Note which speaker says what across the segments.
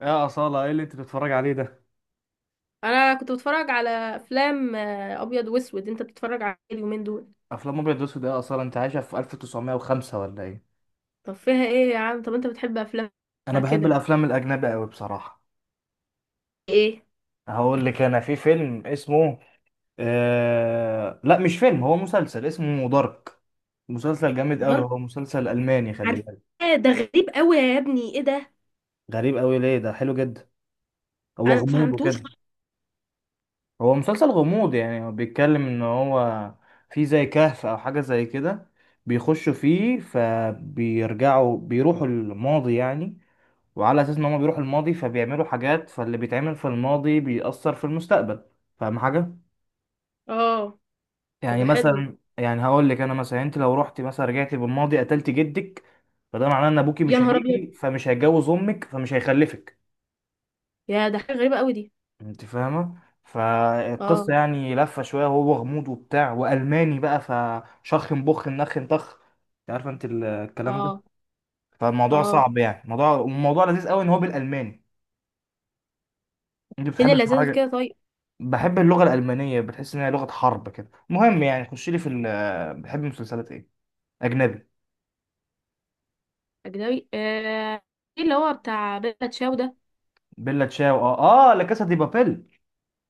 Speaker 1: يا أصالة، ايه اللي انت بتتفرج عليه ده؟
Speaker 2: انا كنت بتفرج على افلام ابيض واسود. انت بتتفرج على إيه اليومين دول؟
Speaker 1: افلام ابيض واسود؟ إيه يا أصالة، انت عايشة في 1905 ولا ايه؟
Speaker 2: طب فيها ايه يا عم؟ طب انت بتحب افلام
Speaker 1: انا بحب
Speaker 2: كده؟
Speaker 1: الافلام الاجنبي قوي بصراحة.
Speaker 2: ايه؟
Speaker 1: هقول لك، انا في فيلم اسمه لا، مش فيلم، هو مسلسل اسمه دارك. مسلسل جامد قوي،
Speaker 2: دار.
Speaker 1: هو مسلسل الماني، خلي
Speaker 2: عارف.
Speaker 1: بالك.
Speaker 2: إيه ده غريب قوي يا ابني، ايه ده؟
Speaker 1: غريب قوي ليه؟ ده حلو جدا، هو
Speaker 2: انا ما
Speaker 1: غموض
Speaker 2: فهمتوش
Speaker 1: وكده.
Speaker 2: خالص.
Speaker 1: هو مسلسل غموض، يعني هو بيتكلم ان هو في زي كهف او حاجة زي كده، بيخشوا فيه فبيرجعوا بيروحوا الماضي يعني، وعلى اساس ان هما بيروحوا الماضي فبيعملوا حاجات، فاللي بيتعمل في الماضي بيأثر في المستقبل. فاهم حاجة؟
Speaker 2: اه، طب
Speaker 1: يعني
Speaker 2: ده حلو ده.
Speaker 1: مثلا، يعني هقول لك، انا مثلا انت لو رحت مثلا رجعتي بالماضي قتلت جدك، فده معناه ان ابوكي
Speaker 2: يا
Speaker 1: مش
Speaker 2: نهار ابيض،
Speaker 1: هيجي، فمش هيتجوز امك، فمش هيخلفك.
Speaker 2: يا ده حاجه غريبه قوي دي.
Speaker 1: انت فاهمة؟
Speaker 2: اه.
Speaker 1: فالقصة يعني لفة شوية، وهو غموض وبتاع والماني بقى، فشخ بخ نخ طخ. انت عارفة انت الكلام ده.
Speaker 2: اه.
Speaker 1: فالموضوع
Speaker 2: اه.
Speaker 1: صعب يعني، الموضوع لذيذ قوي ان هو بالالماني. انت
Speaker 2: فين
Speaker 1: بتحب
Speaker 2: اللذاذه في
Speaker 1: تتفرج؟
Speaker 2: كده طيب؟
Speaker 1: بحب اللغة الألمانية، بتحس إنها لغة حرب كده. المهم يعني، خش لي في ال بحب مسلسلات إيه؟ أجنبي.
Speaker 2: اجنبي، آه. ايه اللي هو بتاع بيلا تشاو ده؟
Speaker 1: بيلا تشاو؟ آه آه، لا، كاسا دي بابيل.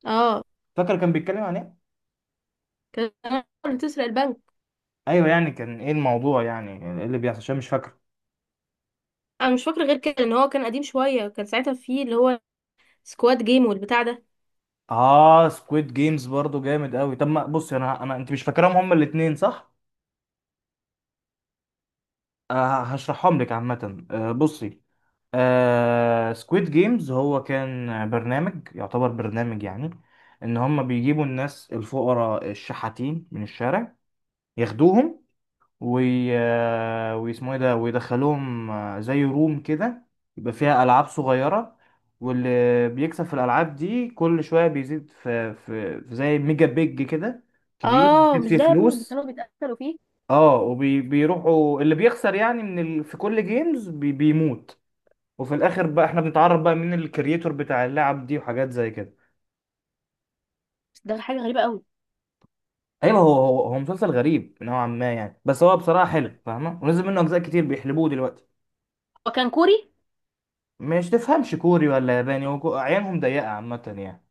Speaker 2: اه.
Speaker 1: فاكر كان بيتكلم عن إيه؟
Speaker 2: كان اللي تسرق البنك.
Speaker 1: أيوه، يعني كان إيه الموضوع يعني؟ إيه اللي بيحصل؟ عشان مش فاكر.
Speaker 2: انا مش فاكره غير كده، ان هو كان قديم شويه، كان ساعتها فيه اللي هو سكواد جيم والبتاع ده.
Speaker 1: آه، سكويد جيمز برضو جامد أوي. طب ما بصي، أنا أنت مش فاكرهم هما الاتنين صح؟ آه، هشرحهم لك عامة. آه بصي، آه سكويد جيمز هو كان برنامج، يعتبر برنامج يعني، ان هم بيجيبوا الناس الفقراء الشحاتين من الشارع، ياخدوهم وي... ويسموه ايه ده، ويدخلوهم زي روم كده، يبقى فيها ألعاب صغيرة، واللي بيكسب في الألعاب دي كل شوية بيزيد في زي ميجا بيج كده كبير،
Speaker 2: اه،
Speaker 1: بيزيد
Speaker 2: مش
Speaker 1: فيه
Speaker 2: ده يا ابني اللي
Speaker 1: فلوس.
Speaker 2: كانوا بيتقتلوا فيه؟
Speaker 1: اه، وبيروحوا اللي بيخسر، يعني في كل جيمز بيموت. وفي الآخر بقى احنا بنتعرف بقى مين الكرييتور بتاع اللعب دي وحاجات زي كده.
Speaker 2: بس ده حاجة غريبة قوي.
Speaker 1: ايوه، هو مسلسل غريب نوعا ما يعني، بس هو بصراحة حلو، فاهمة؟ ونزل منه أجزاء كتير، بيحلبوه دلوقتي.
Speaker 2: هو كان كوري؟
Speaker 1: مش تفهمش كوري ولا ياباني وكو- عينهم ضيقة عامة يعني.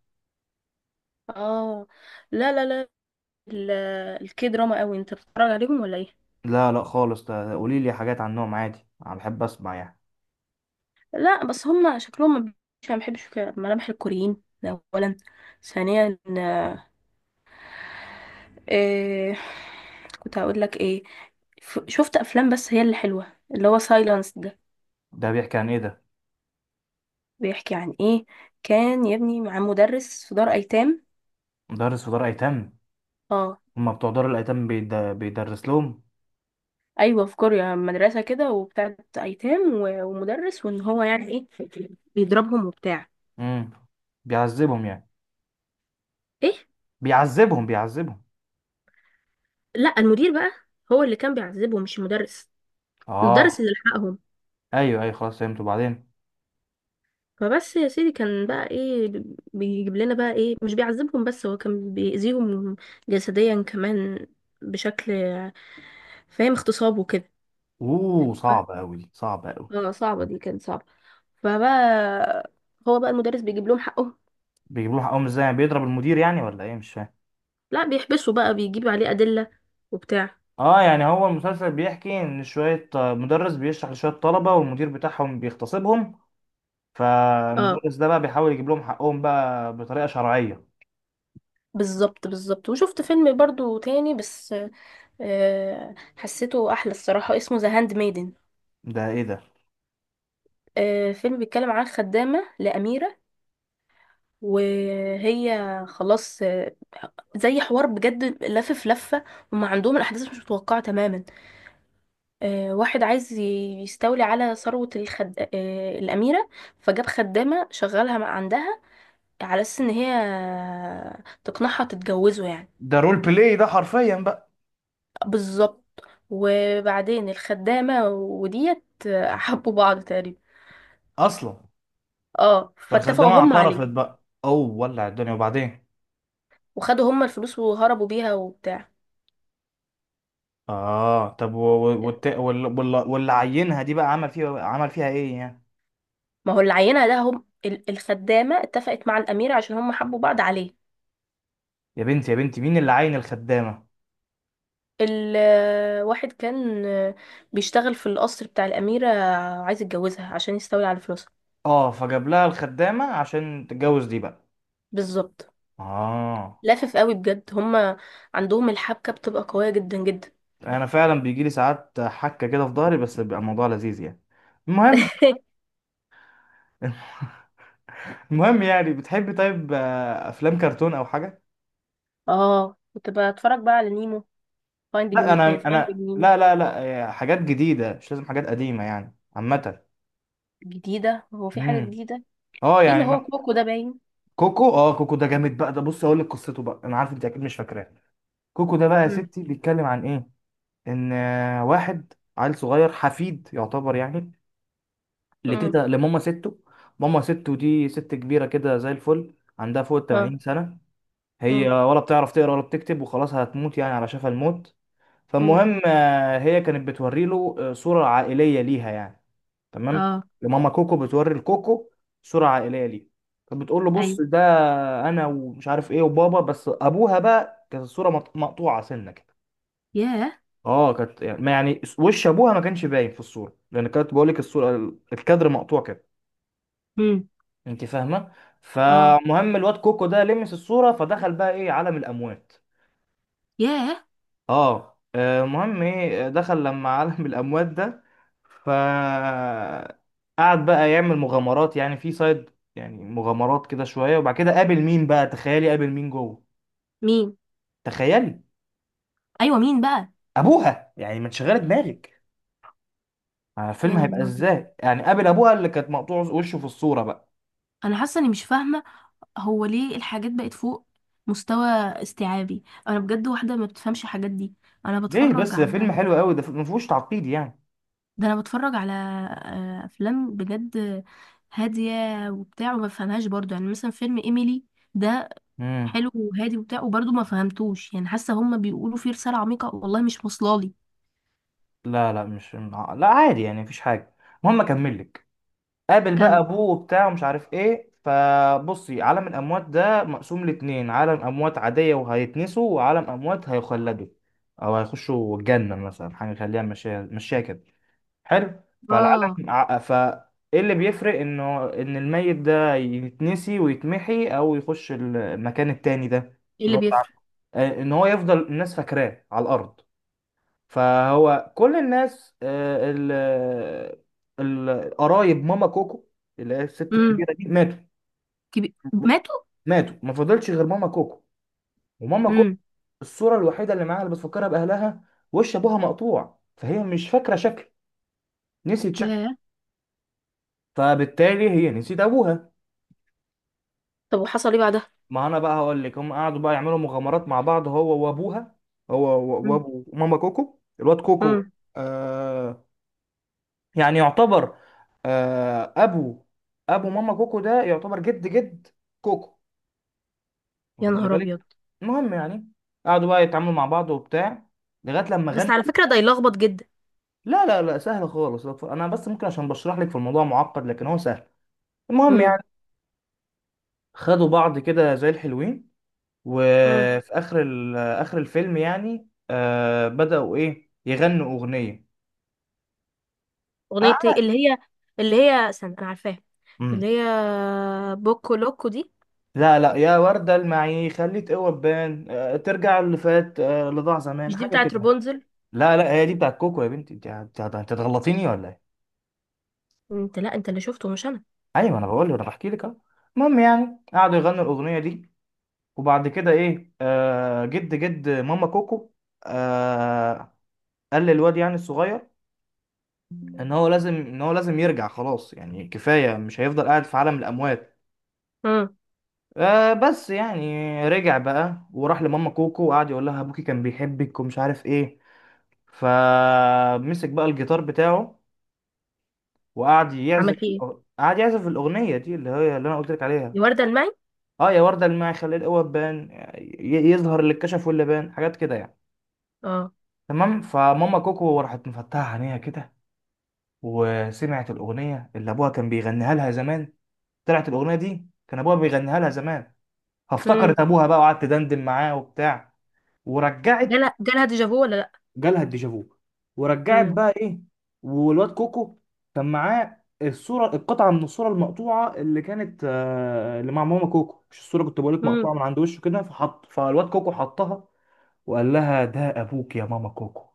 Speaker 2: اه. لا لا لا. ال- الكي دراما قوي انت بتتفرج عليهم ولا ايه؟
Speaker 1: لا لا خالص، ده قولي لي حاجات عنهم عادي، انا بحب اسمع يعني.
Speaker 2: لا، بس هم شكلهم ما بحبش كده، ملامح الكوريين ده اولا. ثانيا إيه، كنت هقول لك ايه؟ شفت افلام، بس هي اللي حلوه اللي هو سايلانس ده.
Speaker 1: ده بيحكي عن ايه ده؟
Speaker 2: بيحكي عن ايه؟ كان يا ابني مع مدرس في دار ايتام.
Speaker 1: مدرس في دار ايتام؟
Speaker 2: اه.
Speaker 1: هما بتوع دار الايتام بيدرس لهم؟
Speaker 2: ايوه في كوريا مدرسه كده وبتاعت ايتام و- ومدرس، وان هو يعني ايه، بيضربهم وبتاع.
Speaker 1: امم بيعذبهم يعني؟
Speaker 2: ايه.
Speaker 1: بيعذبهم؟
Speaker 2: لا، المدير بقى هو اللي كان بيعذبهم مش المدرس. المدرس
Speaker 1: اه.
Speaker 2: اللي لحقهم.
Speaker 1: ايوه ايوه، خلاص فهمت، وبعدين؟
Speaker 2: فبس يا سيدي كان بقى ايه؟ بيجيب لنا بقى ايه، مش بيعذبهم بس، هو كان بيأذيهم جسديا كمان بشكل فاهم، اغتصاب وكده.
Speaker 1: اوه
Speaker 2: ف...
Speaker 1: صعب قوي دي، صعبة قوي.
Speaker 2: اه، صعبة، دي كانت صعبة. فبقى، هو بقى المدرس بيجيب لهم حقهم.
Speaker 1: بيجيبوا له حقهم ازاي يعني؟ بيضرب المدير يعني ولا ايه؟ مش فاهم.
Speaker 2: لا، بيحبسوا بقى، بيجيب عليه أدلة وبتاع.
Speaker 1: اه، يعني هو المسلسل بيحكي ان شوية مدرس بيشرح لشوية طلبة والمدير بتاعهم بيغتصبهم،
Speaker 2: اه،
Speaker 1: فالمدرس ده بقى بيحاول يجيب لهم حقهم بقى بطريقه شرعيه.
Speaker 2: بالظبط بالظبط، وشفت فيلم برضو تاني، بس حسيته احلى الصراحة، اسمه ذا هاند ميدن.
Speaker 1: ده ايه ده؟
Speaker 2: فيلم بيتكلم عن خدامة لأميرة. وهي خلاص، زي حوار بجد، لف في لفة. وما عندهم الأحداث مش متوقعة تماما. واحد عايز يستولي على ثروة الخد... آه، الأميرة. فجاب خدامة شغالها عندها، على أساس إن هي تقنعها تتجوزه يعني.
Speaker 1: ده رول بلاي ده حرفيا بقى.
Speaker 2: بالظبط. وبعدين الخدامة وديت، حبوا بعض تقريبا.
Speaker 1: اصلا.
Speaker 2: اه،
Speaker 1: فالخدامه
Speaker 2: فاتفقوا هم عليه.
Speaker 1: اعترفت بقى، اوه ولع الدنيا، وبعدين؟
Speaker 2: وخدوا هم الفلوس وهربوا بيها وبتاع.
Speaker 1: اه، طب واللي عينها دي بقى عمل فيها، عمل فيها ايه يعني؟
Speaker 2: ما هو العينة ده، هم الخدامة اتفقت مع الأميرة عشان هم حبوا بعض عليه.
Speaker 1: يا بنتي يا بنتي، مين اللي عين الخدامه؟
Speaker 2: الواحد كان بيشتغل في القصر بتاع الأميرة، عايز يتجوزها عشان يستولي على فلوسها.
Speaker 1: اه، فجاب لها الخدامه عشان تتجوز دي بقى.
Speaker 2: بالظبط.
Speaker 1: اه.
Speaker 2: لافف قوي بجد، هم عندهم الحبكة بتبقى قوية جدا جدا.
Speaker 1: انا فعلا بيجي لي ساعات حكه كده في ظهري، بس بيبقى الموضوع لذيذ يعني. المهم. المهم يعني، بتحبي طيب افلام كرتون او حاجه؟
Speaker 2: اه، كنت بتفرج بقى على نيمو
Speaker 1: لا
Speaker 2: فايندينج.
Speaker 1: انا انا،
Speaker 2: فايندينج.
Speaker 1: لا، آه، حاجات جديده، مش لازم حاجات قديمه يعني عامه.
Speaker 2: جديدة؟ هو في حاجة
Speaker 1: امم.
Speaker 2: جديدة؟
Speaker 1: اه
Speaker 2: في اللي
Speaker 1: يعني
Speaker 2: هو
Speaker 1: ما...
Speaker 2: كوكو ده باين.
Speaker 1: كوكو. اه، كوكو ده جامد بقى. ده بص اقول لك قصته بقى، انا عارف انت اكيد مش فاكراه. كوكو ده بقى يا
Speaker 2: مم.
Speaker 1: ستي بيتكلم عن ايه؟ ان واحد عيل صغير حفيد، يعتبر يعني لتيتا،
Speaker 2: مم.
Speaker 1: لماما ستو. ماما ستو دي ست كبيره كده زي الفل، عندها فوق ال
Speaker 2: اه.
Speaker 1: 80 سنه. هي
Speaker 2: مم.
Speaker 1: ولا بتعرف تقرا ولا بتكتب، وخلاص هتموت يعني، على شفا الموت.
Speaker 2: مم.
Speaker 1: فالمهم هي كانت بتوري له صورة عائلية ليها يعني. تمام.
Speaker 2: اه.
Speaker 1: لماما كوكو، بتوري لكوكو صورة عائلية ليها، فبتقول له
Speaker 2: ايوه.
Speaker 1: بص ده انا، ومش عارف ايه، وبابا. بس ابوها بقى كانت الصورة مقطوعة سنة كده.
Speaker 2: ياه.
Speaker 1: اه كانت يعني، ما يعني وش ابوها ما كانش باين في الصورة، لان كانت بقول لك الصورة الكادر مقطوع كده.
Speaker 2: مم.
Speaker 1: انت فاهمة؟
Speaker 2: اه.
Speaker 1: فمهم الواد كوكو ده لمس الصورة، فدخل بقى ايه، عالم الاموات.
Speaker 2: ياه.
Speaker 1: اه. مهم ايه، دخل لما عالم الاموات ده، ف قعد بقى يعمل مغامرات يعني في سايد، يعني مغامرات كده شويه، وبعد كده قابل مين بقى؟ تخيلي، قابل مين جوه؟
Speaker 2: مين؟
Speaker 1: تخيلي.
Speaker 2: ايوه مين بقى؟
Speaker 1: ابوها. يعني ما تشغلي دماغك
Speaker 2: يا
Speaker 1: الفيلم
Speaker 2: نهار
Speaker 1: هيبقى
Speaker 2: ابيض.
Speaker 1: ازاي يعني؟ قابل ابوها اللي كانت مقطوع وشه في الصوره بقى.
Speaker 2: انا حاسه اني مش فاهمه. هو ليه الحاجات بقت فوق مستوى استيعابي؟ انا بجد واحده ما بتفهمش الحاجات دي. انا
Speaker 1: ليه
Speaker 2: بتفرج
Speaker 1: بس، ده فيلم
Speaker 2: على
Speaker 1: حلو قوي ده، ما فيهوش تعقيد يعني.
Speaker 2: ده انا بتفرج على افلام بجد هاديه وبتاع وما بفهمهاش برضو، يعني مثلا فيلم ايميلي ده
Speaker 1: امم.
Speaker 2: حلو وهادي وبتاع وبرضو ما فهمتوش، يعني حاسه هما بيقولوا فيه رساله عميقه والله مش واصلالي.
Speaker 1: لا لا مش، لا عادي يعني، مفيش حاجه. المهم اكمل لك. قابل بقى
Speaker 2: كم؟
Speaker 1: ابوه وبتاع ومش عارف ايه، فبصي عالم الاموات ده مقسوم لاتنين: عالم اموات عاديه وهيتنسوا، وعالم اموات هيخلدوا او هيخشوا الجنه مثلا، حاجه خليها مشيها مشيها كده. حلو. فالعالم
Speaker 2: اه.
Speaker 1: ع- ف ايه اللي بيفرق انه ان الميت ده يتنسي ويتمحي او يخش المكان التاني ده؟
Speaker 2: ايه
Speaker 1: اللي
Speaker 2: اللي
Speaker 1: هو بتاع-
Speaker 2: بيفرق؟
Speaker 1: آه، ان هو يفضل الناس فاكراه على الارض. فهو كل الناس القرايب ماما كوكو، اللي هي الست
Speaker 2: امم.
Speaker 1: الكبيره دي، ماتوا.
Speaker 2: كبير ماتوا.
Speaker 1: ماتوا، ما فضلش غير ماما كوكو. وماما كوكو
Speaker 2: امم.
Speaker 1: الصوره الوحيده اللي معاها اللي بتفكرها باهلها، وش ابوها مقطوع، فهي مش فاكره شكل، نسيت شكل.
Speaker 2: ياه.
Speaker 1: فبالتالي هي نسيت ابوها.
Speaker 2: طب وحصل ايه بعدها؟
Speaker 1: ما انا بقى هقول لك، هم قعدوا بقى يعملوا مغامرات مع بعض، هو وابوها، هو وابو ماما كوكو الواد كوكو.
Speaker 2: امم.
Speaker 1: آه يعني، يعتبر آه، ابو ابو ماما كوكو ده يعتبر جد جد كوكو،
Speaker 2: يا
Speaker 1: واخدني
Speaker 2: نهار
Speaker 1: بالك؟
Speaker 2: ابيض.
Speaker 1: المهم يعني، قعدوا بقى يتعاملوا مع بعض وبتاع، لغايه لما
Speaker 2: بس
Speaker 1: غنوا.
Speaker 2: على فكرة ده يلخبط جدا.
Speaker 1: لا سهل خالص، لا تف- انا بس ممكن عشان بشرح لك في الموضوع معقد، لكن هو سهل. المهم
Speaker 2: امم.
Speaker 1: يعني، خدوا بعض كده زي الحلوين،
Speaker 2: امم.
Speaker 1: وفي اخر اخر الفيلم يعني، آه بدأوا ايه، يغنوا اغنيه.
Speaker 2: اغنية ايه اللي هي، اللي هي استنى انا عارفاها،
Speaker 1: آه.
Speaker 2: اللي هي بوكو لوكو دي؟
Speaker 1: لا لا، يا وردة المعي خليه تقوى بان ترجع اللي فات، اللي ضاع زمان،
Speaker 2: مش دي
Speaker 1: حاجة
Speaker 2: بتاعت
Speaker 1: كده.
Speaker 2: رابونزل؟
Speaker 1: لا لا، هي دي بتاعت كوكو يا بنتي، انت هتغلطيني ولا ايه؟
Speaker 2: انت، لا انت اللي شفته مش انا.
Speaker 1: ايوه انا بقول لك، انا بحكي لك اهو. المهم يعني، قعدوا يغنوا الأغنية دي، وبعد كده ايه، آه، جد جد ماما كوكو، آه، قال للواد يعني الصغير ان هو لازم، ان هو لازم يرجع، خلاص يعني كفاية، مش هيفضل قاعد في عالم الأموات.
Speaker 2: امم.
Speaker 1: آه بس يعني، رجع بقى وراح لماما كوكو، وقعد يقول لها ابوكي كان بيحبك ومش عارف ايه. فمسك بقى الجيتار بتاعه وقعد
Speaker 2: عمل
Speaker 1: يعزف.
Speaker 2: فيه ايه؟
Speaker 1: قعد يعزف الاغنيه دي، اللي هي اللي انا قلت لك عليها.
Speaker 2: دي وردة المعي.
Speaker 1: اه، يا ورده الماعي خلي القوه تبان، يظهر اللي اتكشف واللي بان، حاجات كده يعني.
Speaker 2: اه.
Speaker 1: تمام. فماما كوكو راحت مفتحه عينيها كده، وسمعت الاغنيه اللي ابوها كان بيغنيها لها زمان. طلعت الاغنيه دي كان ابوها بيغنيها لها زمان،
Speaker 2: امم.
Speaker 1: فافتكرت ابوها بقى، وقعدت دندن معاه وبتاع، ورجعت.
Speaker 2: جالها جالها ديجافو ولا لا؟
Speaker 1: جالها الديجافو، ورجعت
Speaker 2: امم.
Speaker 1: بقى ايه. والواد كوكو كان معاه الصوره، القطعه من الصوره المقطوعه، اللي كانت اللي مع ماما كوكو، مش الصوره كنت بقول لك
Speaker 2: امم.
Speaker 1: مقطوعه من عند وشه كده، فحط فالواد كوكو حطها وقال لها ده ابوك يا ماما كوكو.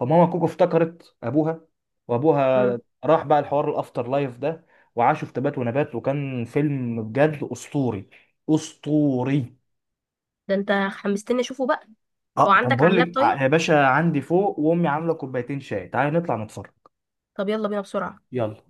Speaker 1: فماما كوكو افتكرت ابوها، وابوها
Speaker 2: امم.
Speaker 1: راح بقى الحوار الافتر لايف ده. وعاشوا في تبات ونبات، وكان فيلم بجد اسطوري، اسطوري.
Speaker 2: ده انت حمستني اشوفه بقى. هو
Speaker 1: اه، طب
Speaker 2: عندك على
Speaker 1: بقول
Speaker 2: اللاب
Speaker 1: لك
Speaker 2: طيب؟
Speaker 1: يا باشا، عندي فوق وامي عامله كوبايتين شاي، تعالى نطلع نتفرج.
Speaker 2: طب يلا بينا بسرعة.
Speaker 1: يلا.